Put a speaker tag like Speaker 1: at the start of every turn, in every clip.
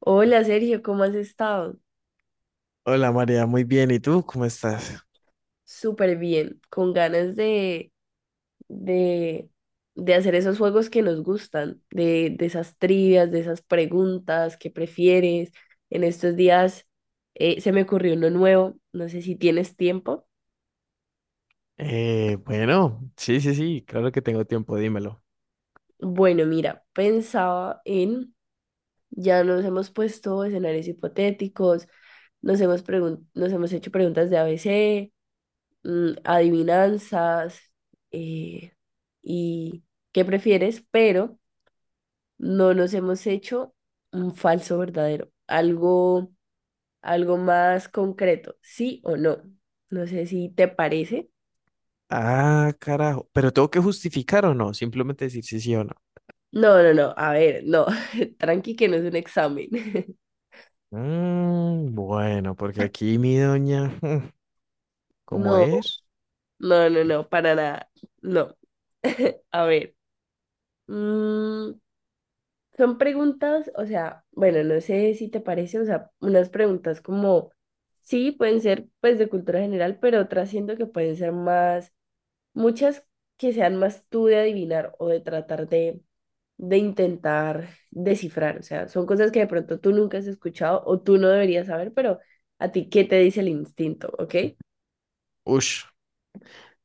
Speaker 1: Hola Sergio, ¿cómo has estado?
Speaker 2: Hola María, muy bien. ¿Y tú cómo estás?
Speaker 1: Súper bien, con ganas de, de hacer esos juegos que nos gustan, de esas trivias, de esas preguntas, ¿qué prefieres? En estos días se me ocurrió uno nuevo, no sé si tienes tiempo.
Speaker 2: Bueno, sí, claro que tengo tiempo, dímelo.
Speaker 1: Bueno, mira, ya nos hemos puesto escenarios hipotéticos, nos hemos hecho preguntas de a ABC. Adivinanzas eh, y qué prefieres, pero no nos hemos hecho un falso verdadero, algo más concreto, sí o no. No sé si te parece.
Speaker 2: Ah, carajo, pero tengo que justificar o no, simplemente decir sí, sí o no.
Speaker 1: No, no, no, a ver, no, tranqui que no es un examen.
Speaker 2: Mm, bueno, porque aquí mi doña, ¿cómo
Speaker 1: No,
Speaker 2: es?
Speaker 1: no, no, no, para nada, no. A ver, mm, son preguntas, o sea, bueno, no sé si te parece, o sea, unas preguntas como, sí, pueden ser pues de cultura general, pero otras siento que pueden ser más, muchas que sean más tú de adivinar o de de intentar descifrar, o sea, son cosas que de pronto tú nunca has escuchado o tú no deberías saber, pero a ti, ¿qué te dice el instinto? ¿Ok?
Speaker 2: Ush,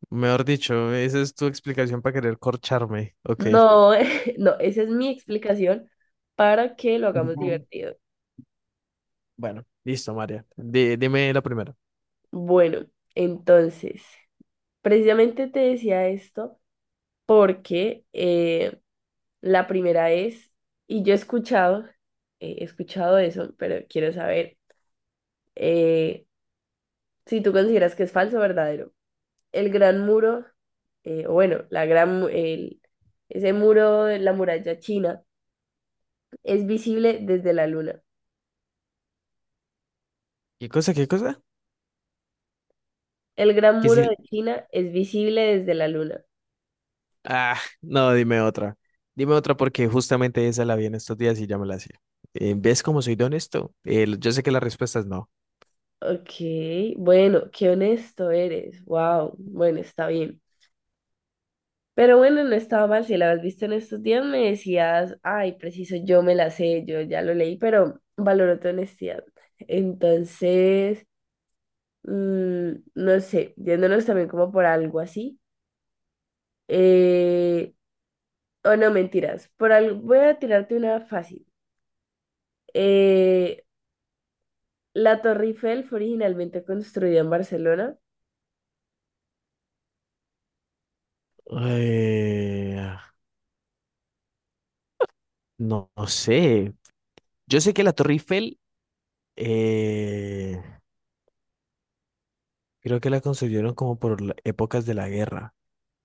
Speaker 2: mejor dicho, esa es tu explicación para querer corcharme. Ok.
Speaker 1: No, no, esa es mi explicación para que lo hagamos
Speaker 2: Ujú.
Speaker 1: divertido.
Speaker 2: Bueno, listo, María. Dime la primera.
Speaker 1: Bueno, entonces... Precisamente te decía esto porque la primera es, y yo he escuchado eso, pero quiero saber eh, si tú consideras que es falso o verdadero. El gran muro, o bueno, la gran, mu- el- Ese muro de la muralla china es visible desde la luna.
Speaker 2: ¿Qué cosa, qué cosa?
Speaker 1: El gran
Speaker 2: Que
Speaker 1: muro de
Speaker 2: si...
Speaker 1: China es visible desde la luna.
Speaker 2: Ah, no, dime otra. Dime otra porque justamente esa la vi en estos días y ya me la hacía. ¿Ves cómo soy de honesto? Yo sé que la respuesta es no.
Speaker 1: Ok, bueno, qué honesto eres. Wow, bueno, está bien. Pero bueno, no estaba mal. Si la habías visto en estos días, me decías, ay, preciso, yo me la sé, yo ya lo leí, pero valoro tu honestidad. Entonces, no sé, yéndonos también como por algo así. eh, o no, mentiras. Por algo, voy a tirarte una fácil. Eh, la Torre Eiffel fue originalmente construida en Barcelona.
Speaker 2: Eh, no, no sé. Yo sé que la Torre Eiffel, eh, creo que la construyeron como por épocas de la guerra,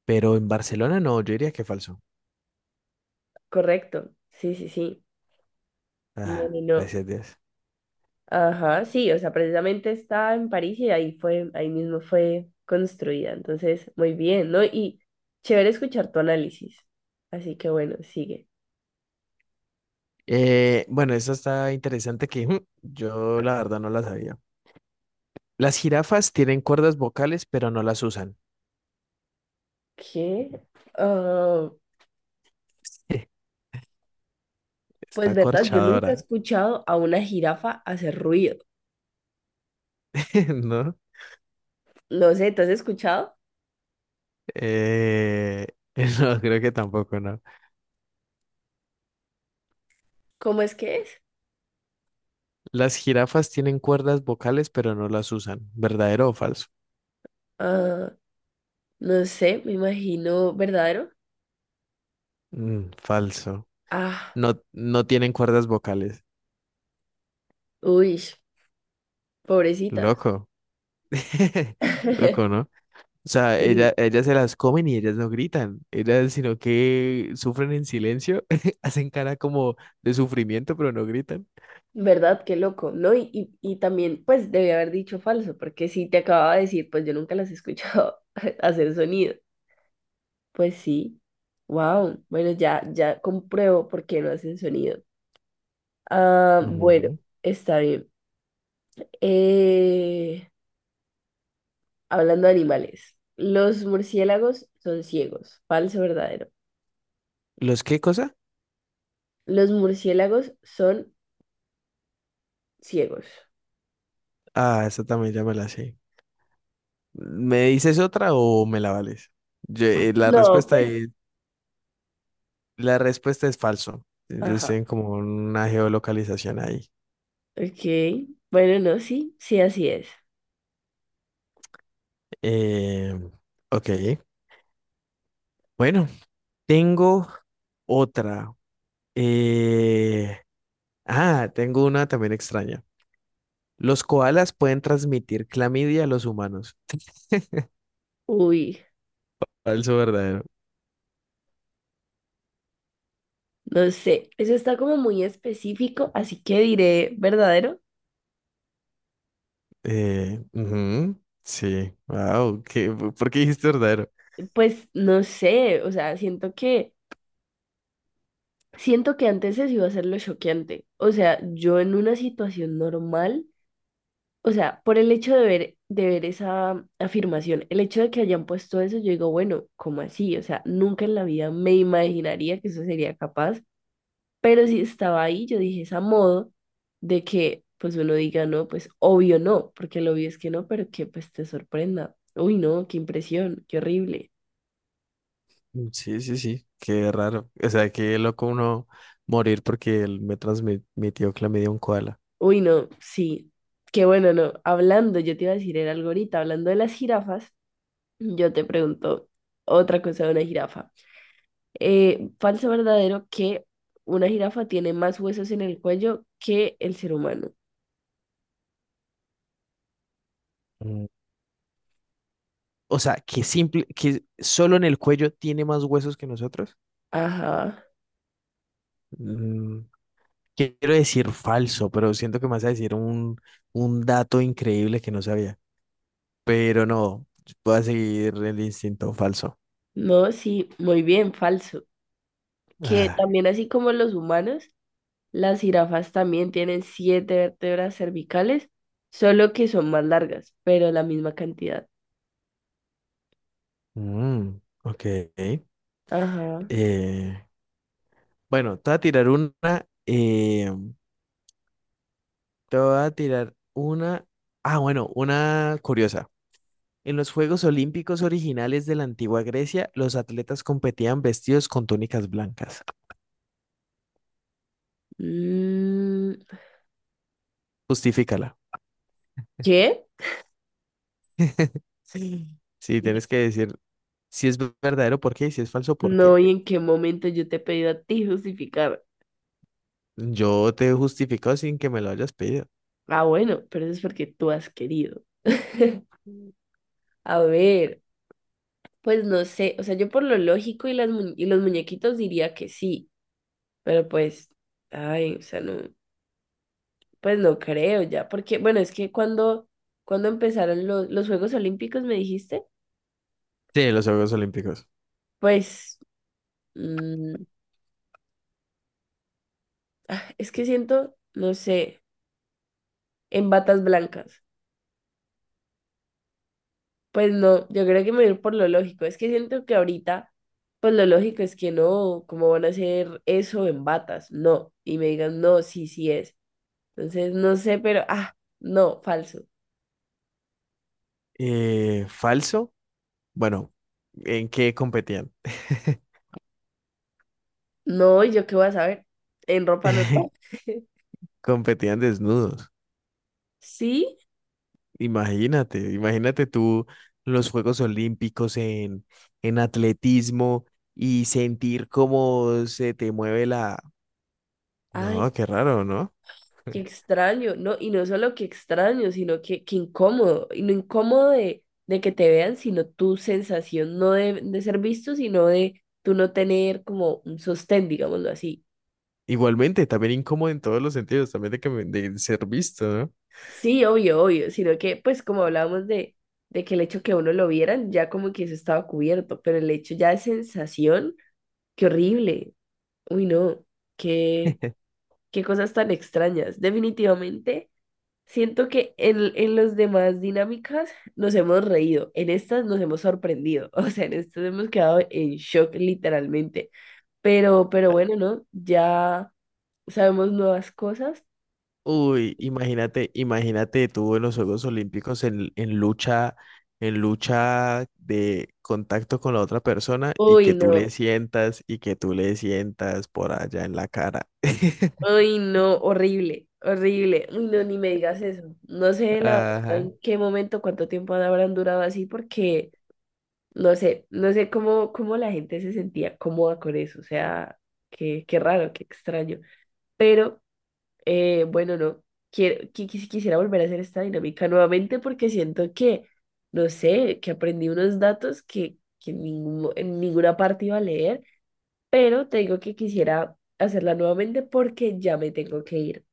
Speaker 2: pero en Barcelona no, yo diría que falso.
Speaker 1: Correcto. Sí, sí, sí. No,
Speaker 2: Ah,
Speaker 1: no, no.
Speaker 2: gracias, Dios.
Speaker 1: Ajá, sí, o sea, precisamente está en París y ahí fue, ahí mismo fue construida. Entonces, muy bien, ¿no? Y chévere escuchar tu análisis. Así que bueno, sigue.
Speaker 2: Bueno, esta está interesante que yo la verdad no la sabía. Las jirafas tienen cuerdas vocales, pero no las usan.
Speaker 1: ¿Qué? Ah, pues
Speaker 2: Está
Speaker 1: verdad, yo nunca he
Speaker 2: corchadora,
Speaker 1: escuchado a una jirafa hacer ruido.
Speaker 2: ¿no?
Speaker 1: No sé, ¿tú has escuchado?
Speaker 2: Eh, no, creo que tampoco, ¿no?
Speaker 1: ¿Cómo es que es?
Speaker 2: Las jirafas tienen cuerdas vocales, pero no las usan. ¿Verdadero o falso?
Speaker 1: Ah, no sé, me imagino verdadero.
Speaker 2: Mm, falso.
Speaker 1: Ah,
Speaker 2: No, no tienen cuerdas vocales.
Speaker 1: uy, pobrecitas.
Speaker 2: Loco. Loco, ¿no? O sea,
Speaker 1: Sí.
Speaker 2: ellas se las comen y ellas no gritan. Ellas, sino que sufren en silencio, hacen cara como de sufrimiento, pero no gritan.
Speaker 1: ¿Verdad? Qué loco, ¿no? Y también, pues, debí haber dicho falso, porque si te acababa de decir, pues yo nunca las he escuchado hacer sonido. Pues sí. Wow. Bueno, ya, ya compruebo por qué no hacen sonido. Ah, bueno,
Speaker 2: Ujú.
Speaker 1: está bien. Eh, Hablando de animales, los murciélagos son ciegos. Falso, verdadero.
Speaker 2: ¿Los qué cosa?
Speaker 1: Los murciélagos son ciegos.
Speaker 2: Ah, esa también ya me la sé. ¿Me dices otra o me la vales? La
Speaker 1: No,
Speaker 2: respuesta... bueno,
Speaker 1: pues,
Speaker 2: es, la respuesta es falso. Ellos
Speaker 1: ajá.
Speaker 2: tienen como una geolocalización ahí.
Speaker 1: Ok. Bueno, no, sí, sí, así es.
Speaker 2: Eh, ok. Bueno, tengo otra. Eh, Tengo una también extraña. Los koalas pueden transmitir clamidia a los humanos.
Speaker 1: Uy.
Speaker 2: Falso, verdadero.
Speaker 1: No sé, eso está como muy específico, así que diré verdadero.
Speaker 2: Ujú. Sí. Wow. Por qué dijiste verdadero?
Speaker 1: Pues no sé, o sea, siento que antes se iba a ser lo choqueante. O sea, yo en una situación normal, o sea, por el hecho de ver esa afirmación, el hecho de que hayan puesto eso, yo digo, bueno, ¿cómo así? O sea, nunca en la vida me imaginaría que eso sería capaz. Pero si estaba ahí, yo dije, es a modo de que pues uno diga no, pues obvio no, porque lo obvio es que no, pero que pues te sorprenda. Uy, no, qué impresión, qué horrible.
Speaker 2: Sí, sí, sí, qué raro. O sea, qué loco uno morir porque él me transmitió clamidia a un koala.
Speaker 1: Uy, no, sí. Qué bueno, no. Hablando, yo te iba a decir, era algo ahorita, hablando de las jirafas, yo te pregunto otra cosa de una jirafa. Falso o verdadero que una jirafa tiene más huesos en el cuello que el ser humano.
Speaker 2: Mm. O sea, que simple, que solo en el cuello tiene más huesos que nosotros.
Speaker 1: Ajá.
Speaker 2: Mm, quiero decir falso, pero siento que me vas a decir un dato increíble que no sabía. Pero no, voy a seguir el instinto falso.
Speaker 1: No, sí, muy bien, falso. Que
Speaker 2: Ah,
Speaker 1: también así como los humanos, las jirafas también tienen siete vértebras cervicales, solo que son más largas, pero la misma cantidad.
Speaker 2: mm, ok.
Speaker 1: Ajá.
Speaker 2: Eh, bueno, te voy a tirar una. eh, Te voy a tirar una. Ah, bueno, una curiosa. En los Juegos Olímpicos originales de la antigua Grecia, los atletas competían vestidos con túnicas blancas.
Speaker 1: Mm,
Speaker 2: Justifícala.
Speaker 1: ¿qué?
Speaker 2: Sí, sí,
Speaker 1: Y-
Speaker 2: tienes que decir si es verdadero por qué y si es falso por qué.
Speaker 1: No, ¿y en qué momento yo te he pedido a ti justificar?
Speaker 2: Yo te he justificado sin que me lo hayas pedido.
Speaker 1: Ah, bueno, pero eso es porque tú has querido. A ver, pues no sé, o sea, yo por lo lógico y, los muñequitos diría que sí, pero pues, ay, o sea, no, pues no creo ya, porque, bueno, es que cuando empezaron los Juegos Olímpicos, me dijiste,
Speaker 2: Sí, los Juegos Olímpicos.
Speaker 1: pues... Mm, es que siento, no sé, en batas blancas. Pues no, yo creo que me voy a ir por lo lógico. Es que siento que ahorita, pues lo lógico es que no, ¿cómo van a hacer eso en batas? No. Y me digan, no, sí, sí es. Entonces, no sé, pero, ah, no, falso.
Speaker 2: ¿Falso? Bueno, ¿en qué competían?
Speaker 1: No, ¿y yo qué voy a saber? En ropa normal.
Speaker 2: Competían desnudos.
Speaker 1: ¿Sí?
Speaker 2: Imagínate, imagínate tú los Juegos Olímpicos en atletismo y sentir cómo se te mueve la...
Speaker 1: Ay,
Speaker 2: No, qué raro, ¿no?
Speaker 1: qué extraño, ¿no? Y no solo que extraño, sino que incómodo. Y no incómodo de que te vean, sino tu sensación no de ser visto, sino de tú no tener como un sostén, digámoslo así.
Speaker 2: Igualmente, también incómodo en todos los sentidos, también de, de ser visto, ¿no?
Speaker 1: Sí, obvio, obvio, sino que pues como de que el hecho que a uno lo vieran, ya como que eso estaba cubierto, pero el hecho ya de sensación, qué horrible. Uy, no, qué, qué cosas tan extrañas. Definitivamente. Siento que en las demás dinámicas nos hemos reído, en estas nos hemos sorprendido, o sea, en estas hemos quedado en shock literalmente, pero bueno, ¿no? Ya sabemos nuevas cosas.
Speaker 2: Uy, imagínate, imagínate tú en los Juegos Olímpicos en lucha de contacto con la otra persona y
Speaker 1: Uy,
Speaker 2: que tú
Speaker 1: no,
Speaker 2: le sientas y que tú le sientas por allá en la cara.
Speaker 1: uy, no, horrible, horrible, uy, no, ni me digas eso. No sé la verdad
Speaker 2: Ajá.
Speaker 1: en qué momento, cuánto tiempo habrán durado así, porque no sé, no sé cómo la gente se sentía cómoda con eso, o sea, qué raro, qué extraño, pero... Bueno, no. Quisiera volver a hacer esta dinámica nuevamente porque siento que, no sé, que aprendí unos datos que en ninguna parte iba a leer, pero te digo que quisiera hacerla nuevamente porque ya me tengo que ir.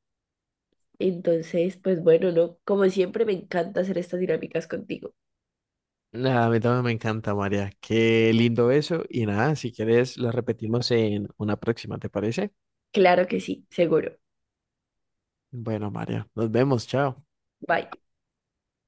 Speaker 1: Entonces, pues bueno, no. Como siempre, me encanta hacer estas dinámicas contigo.
Speaker 2: Nada, a mí también me encanta, María. Qué lindo eso. Y nada, si quieres, lo repetimos en una próxima, ¿te parece?
Speaker 1: Claro que sí, seguro.
Speaker 2: Bueno, María, nos vemos. Chao.
Speaker 1: Bye.